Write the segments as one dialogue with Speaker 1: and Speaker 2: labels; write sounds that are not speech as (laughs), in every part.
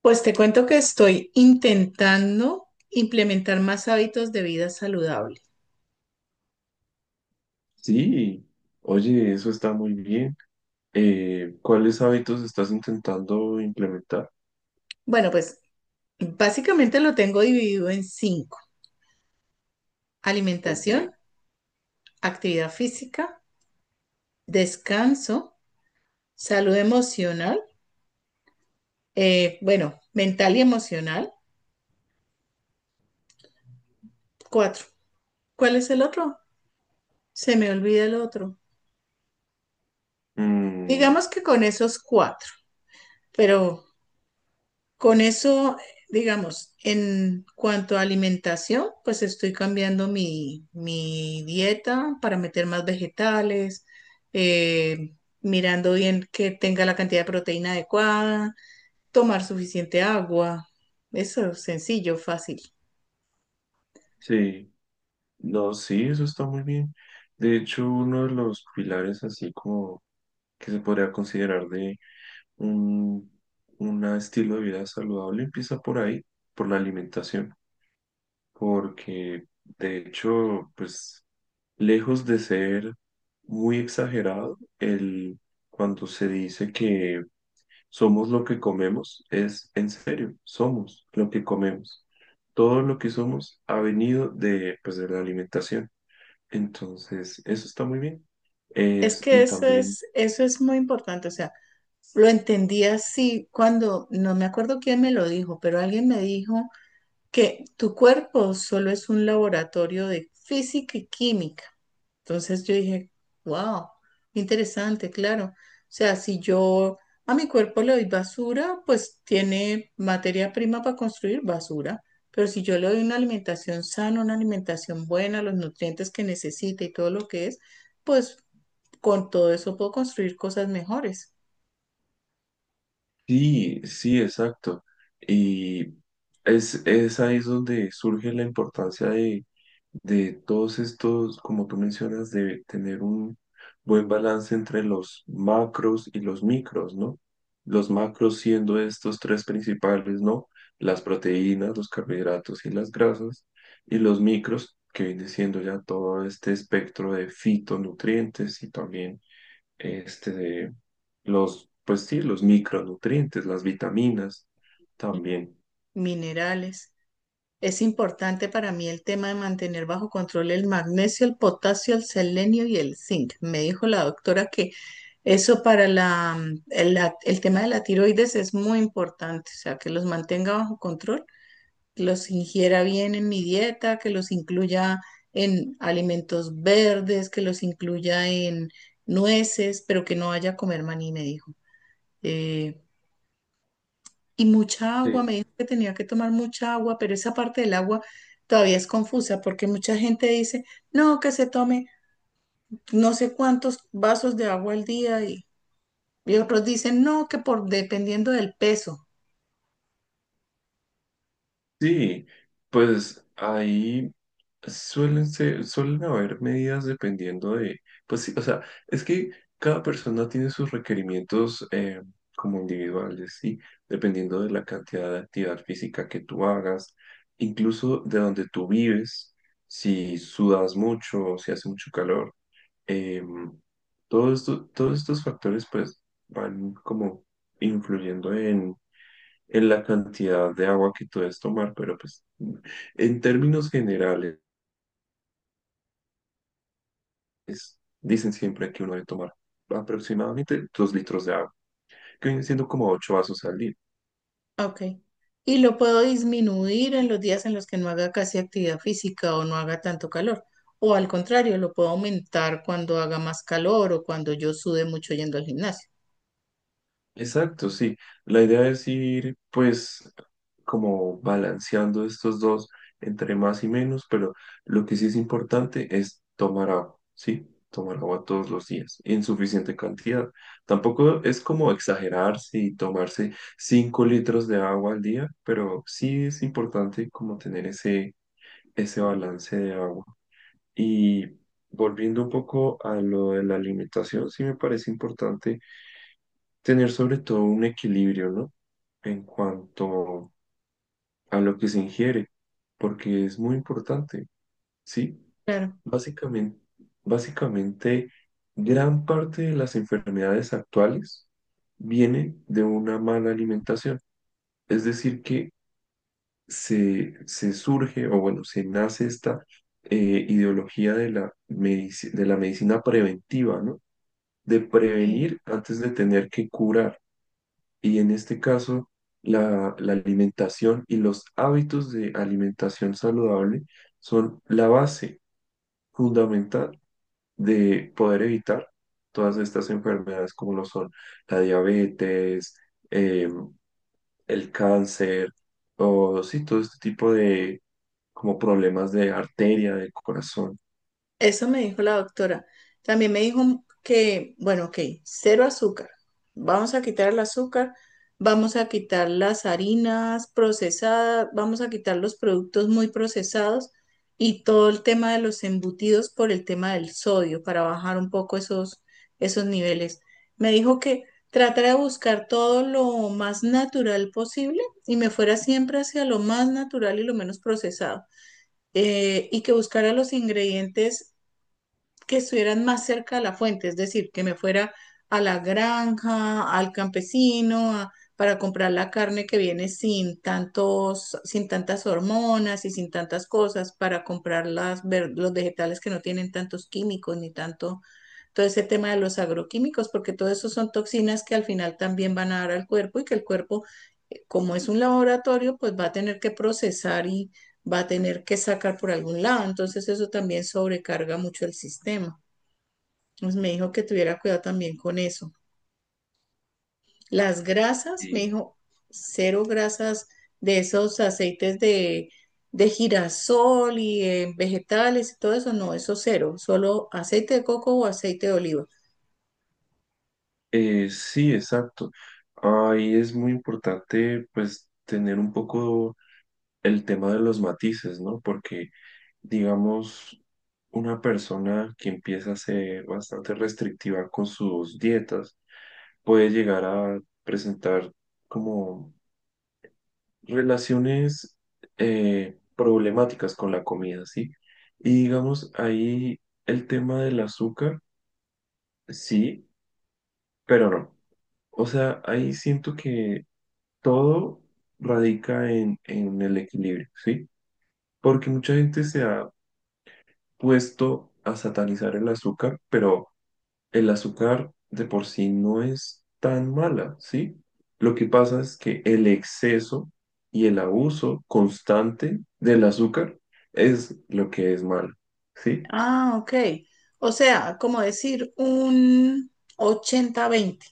Speaker 1: Pues te cuento que estoy intentando implementar más hábitos de vida saludable.
Speaker 2: Sí, oye, eso está muy bien. ¿Cuáles hábitos estás intentando implementar?
Speaker 1: Bueno, pues básicamente lo tengo dividido en cinco. Alimentación,
Speaker 2: Ok.
Speaker 1: actividad física, descanso, salud emocional, bueno, mental y emocional. Cuatro. ¿Cuál es el otro? Se me olvida el otro.
Speaker 2: Mm,
Speaker 1: Digamos que con esos cuatro, pero con eso, digamos, en cuanto a alimentación, pues estoy cambiando mi dieta para meter más vegetales, eh, mirando bien que tenga la cantidad de proteína adecuada, tomar suficiente agua. Eso es sencillo, fácil.
Speaker 2: sí, no, sí, eso está muy bien. De hecho, uno de los pilares así como que se podría considerar de un, un estilo de vida saludable empieza por ahí, por la alimentación, porque de hecho, pues lejos de ser muy exagerado, el, cuando se dice que somos lo que comemos, es en serio, somos lo que comemos. Todo lo que somos ha venido de, pues, de la alimentación. Entonces, eso está muy bien.
Speaker 1: Es
Speaker 2: Es,
Speaker 1: que
Speaker 2: y también
Speaker 1: eso es muy importante. O sea, lo entendí así cuando, no me acuerdo quién me lo dijo, pero alguien me dijo que tu cuerpo solo es un laboratorio de física y química. Entonces yo dije, wow, interesante, claro. O sea, si yo a mi cuerpo le doy basura, pues tiene materia prima para construir basura. Pero si yo le doy una alimentación sana, una alimentación buena, los nutrientes que necesita y todo lo que es, pues con todo eso puedo construir cosas mejores,
Speaker 2: sí, sí, exacto. Y es ahí es donde surge la importancia de todos estos, como tú mencionas, de tener un buen balance entre los macros y los micros, ¿no? Los macros siendo estos tres principales, ¿no? Las proteínas, los carbohidratos y las grasas, y los micros, que viene siendo ya todo este espectro de fitonutrientes y también este, pues sí, los micronutrientes, las vitaminas también.
Speaker 1: minerales. Es importante para mí el tema de mantener bajo control el magnesio, el potasio, el selenio y el zinc. Me dijo la doctora que eso para la, mm, el, la- el tema de la tiroides es muy importante, o sea, que los mantenga bajo control, que los ingiera bien en mi dieta, que los incluya en alimentos verdes, que los incluya en nueces, pero que no vaya a comer maní, me dijo. Eh, y mucha agua,
Speaker 2: Sí.
Speaker 1: me dijo que tenía que tomar mucha agua, pero esa parte del agua todavía es confusa porque mucha gente dice, no, que se tome no sé cuántos vasos de agua al día y otros dicen, no, que por dependiendo del peso.
Speaker 2: Sí, pues ahí suelen ser, suelen haber medidas dependiendo de, pues sí, o sea, es que cada persona tiene sus requerimientos como individuales, sí, dependiendo de la cantidad de actividad física que tú hagas, incluso de donde tú vives, si sudas mucho, si hace mucho calor. Em, Todos estos factores pues van como influyendo en la cantidad de agua que tú debes tomar, pero pues en términos generales dicen siempre que uno debe tomar aproximadamente 2 litros de agua, que vienen siendo como 8 vasos al día.
Speaker 1: Ok. Y lo puedo disminuir en los días en los que no haga casi actividad física o no haga tanto calor. O al contrario, lo puedo aumentar cuando haga más calor o cuando yo sude mucho yendo al gimnasio.
Speaker 2: Exacto, sí. La idea es ir, pues, como balanceando estos dos entre más y menos, pero lo que sí es importante es tomar agua, ¿sí? Tomar agua todos los días, en suficiente cantidad. Tampoco es como exagerarse y tomarse 5 litros de agua al día, pero sí es importante como tener ese, ese balance de agua. Y volviendo un poco a lo de la alimentación, sí me parece importante tener sobre todo un equilibrio, ¿no? En cuanto a lo que se ingiere, porque es muy importante, ¿sí?
Speaker 1: Claro.
Speaker 2: Básicamente, básicamente, gran parte de las enfermedades actuales viene de una mala alimentación. Es decir, que se surge, o bueno, se nace esta ideología de la, de la medicina preventiva, ¿no? De
Speaker 1: Sí.
Speaker 2: prevenir antes de tener que curar. Y en este caso, la alimentación y los hábitos de alimentación saludable son la base fundamental de poder evitar todas estas enfermedades como lo son la diabetes, eh, el cáncer o sí, todo este tipo de como problemas de arteria, del corazón.
Speaker 1: Eso me dijo la doctora. También me dijo que, bueno, ok, cero azúcar. Vamos a quitar el azúcar, vamos a quitar las harinas procesadas, vamos a quitar los productos muy procesados y todo el tema de los embutidos por el tema del sodio para bajar un poco esos niveles. Me dijo que tratara de buscar todo lo más natural posible y me fuera siempre hacia lo más natural y lo menos procesado, y que buscara los ingredientes que estuvieran más cerca de la fuente, es decir, que me fuera a la granja, al campesino, para comprar la carne que viene sin tantos, sin tantas hormonas y sin tantas cosas, para comprar los vegetales que no tienen tantos químicos ni tanto, todo ese tema de los agroquímicos, porque todo eso son toxinas que al final también van a dar al cuerpo y que el cuerpo, como es un laboratorio, pues va a tener que procesar y va a tener que sacar por algún lado. Entonces eso también sobrecarga mucho el sistema. Pues me dijo que tuviera cuidado también con eso. Las grasas, me
Speaker 2: Y,
Speaker 1: dijo, cero grasas de esos aceites de girasol y vegetales y todo eso, no, eso cero, solo aceite de coco o aceite de oliva.
Speaker 2: sí, exacto. Ahí es muy importante pues tener un poco el tema de los matices, ¿no? Porque digamos, una persona que empieza a ser bastante restrictiva con sus dietas puede llegar a presentar como relaciones problemáticas con la comida, ¿sí? Y digamos, ahí el tema del azúcar, sí, pero no. O sea, ahí siento que todo radica en el equilibrio, ¿sí? Porque mucha gente se ha puesto a satanizar el azúcar, pero el azúcar de por sí no es tan mala, ¿sí? Lo que pasa es que el exceso y el abuso constante del azúcar es lo que es malo, ¿sí?
Speaker 1: Ah, ok. O sea, como decir un 80/20,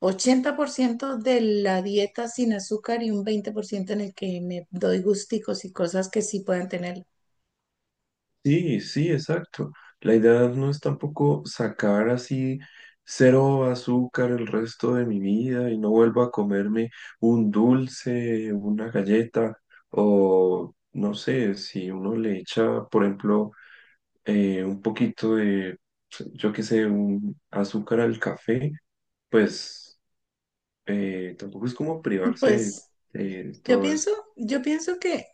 Speaker 1: 80% de la dieta sin azúcar y un 20% en el que me doy gusticos y cosas que sí puedan tener.
Speaker 2: Sí, sí, exacto. La idea no es tampoco sacar así cero azúcar el resto de mi vida y no vuelvo a comerme un dulce, una galleta o no sé, si uno le echa, por ejemplo, un poquito de, pues, yo qué sé, un azúcar al café, pues tampoco es como privarse de,
Speaker 1: Pues
Speaker 2: de
Speaker 1: Yo
Speaker 2: todo
Speaker 1: pienso,
Speaker 2: eso.
Speaker 1: yo pienso que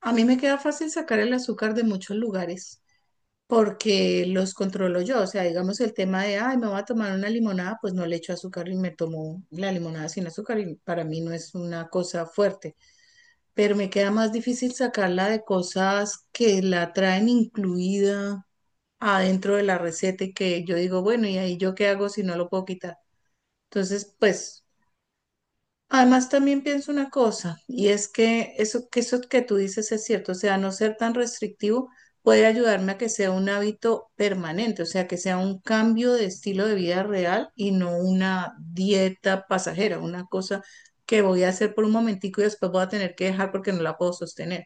Speaker 1: a mí me queda fácil sacar el azúcar de muchos lugares porque los controlo yo. O sea, digamos el tema de, ay, me voy a tomar una limonada, pues no le echo azúcar y me tomo la limonada sin azúcar y para mí no es una cosa fuerte. Pero me queda más difícil sacarla de cosas que la traen incluida adentro de la receta y que yo digo, bueno, ¿y ahí yo qué hago si no lo puedo quitar? Entonces, pues... Además, también pienso una cosa, y es que eso, que eso que tú dices es cierto, o sea, no ser tan restrictivo puede ayudarme a que sea un hábito permanente, o sea, que sea un cambio de estilo de vida real y no una dieta pasajera, una cosa que voy a hacer por un momentico y después voy a tener que dejar porque no la puedo sostener.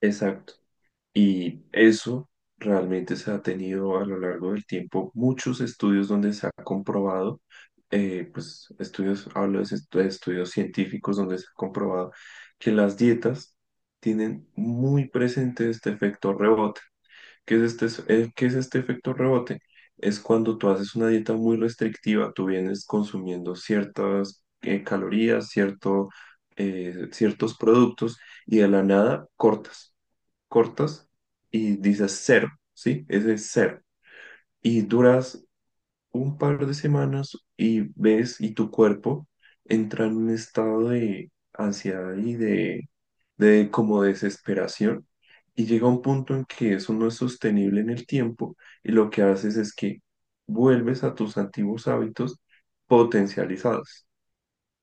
Speaker 2: Exacto. Y eso realmente se ha tenido a lo largo del tiempo muchos estudios donde se ha comprobado, pues estudios, hablo de de estudios científicos donde se ha comprobado que las dietas tienen muy presente este efecto rebote. ¿Qué es qué es este efecto rebote? Es cuando tú haces una dieta muy restrictiva, tú vienes consumiendo ciertas calorías, cierto, ciertos productos y de la nada cortas, cortas y dices cero, ¿sí? Ese es cero. Y duras un par de semanas y ves y tu cuerpo entra en un estado de ansiedad y de como desesperación y llega un punto en que eso no es sostenible en el tiempo y lo que haces es que vuelves a tus antiguos hábitos potencializados.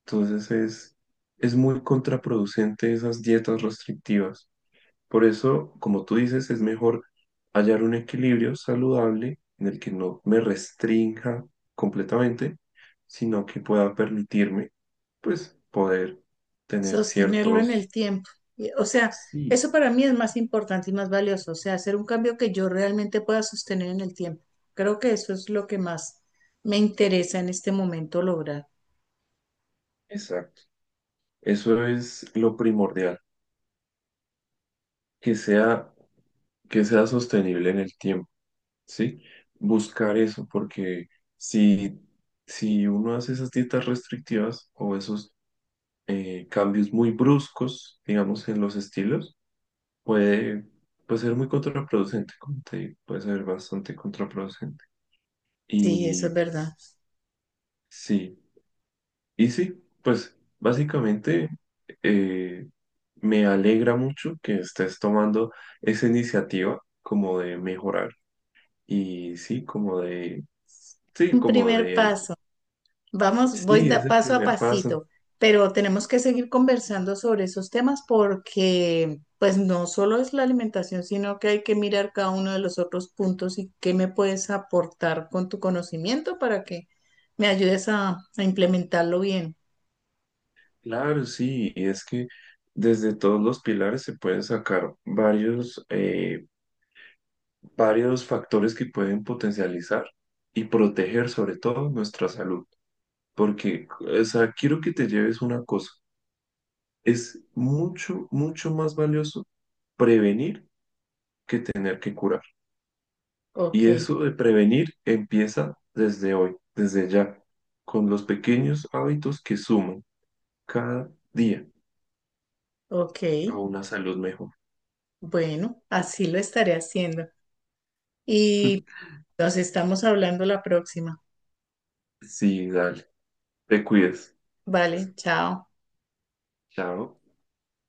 Speaker 2: Entonces es muy contraproducente esas dietas restrictivas. Por eso, como tú dices, es mejor hallar un equilibrio saludable en el que no me restrinja completamente, sino que pueda permitirme, pues, poder tener
Speaker 1: Sostenerlo en el
Speaker 2: ciertos...
Speaker 1: tiempo. Y, o sea,
Speaker 2: Sí,
Speaker 1: eso para mí es más importante y más valioso, o sea, hacer un cambio que yo realmente pueda sostener en el tiempo. Creo que eso es lo que más me interesa en este momento lograr.
Speaker 2: exacto. Eso es lo primordial, que sea, que sea sostenible en el tiempo, ¿sí? Buscar eso, porque si, si uno hace esas dietas restrictivas o esos cambios muy bruscos, digamos, en los estilos, puede, puede ser muy contraproducente, como te digo, puede ser bastante contraproducente.
Speaker 1: Sí, eso
Speaker 2: Y
Speaker 1: es verdad.
Speaker 2: sí, y sí, pues básicamente eh, me alegra mucho que estés tomando esa iniciativa como de mejorar y sí, como de, sí,
Speaker 1: Un
Speaker 2: como
Speaker 1: primer
Speaker 2: de,
Speaker 1: paso. Vamos, voy
Speaker 2: sí,
Speaker 1: da
Speaker 2: es el
Speaker 1: paso a
Speaker 2: primer paso.
Speaker 1: pasito, pero tenemos que seguir conversando sobre esos temas porque pues no solo es la alimentación, sino que hay que mirar cada uno de los otros puntos y qué me puedes aportar con tu conocimiento para que me ayudes a implementarlo bien.
Speaker 2: Claro, sí, y es que desde todos los pilares se pueden sacar varios, varios factores que pueden potencializar y proteger sobre todo nuestra salud. Porque, o sea, quiero que te lleves una cosa. Es mucho, mucho más valioso prevenir que tener que curar.
Speaker 1: Ok,
Speaker 2: Y eso de prevenir empieza desde hoy, desde ya, con los pequeños hábitos que suman cada día
Speaker 1: ok.
Speaker 2: a una salud mejor.
Speaker 1: Bueno, así lo estaré haciendo. Y
Speaker 2: (laughs)
Speaker 1: nos estamos hablando la próxima.
Speaker 2: Sí, dale. Te cuides.
Speaker 1: Vale, chao.
Speaker 2: Chao.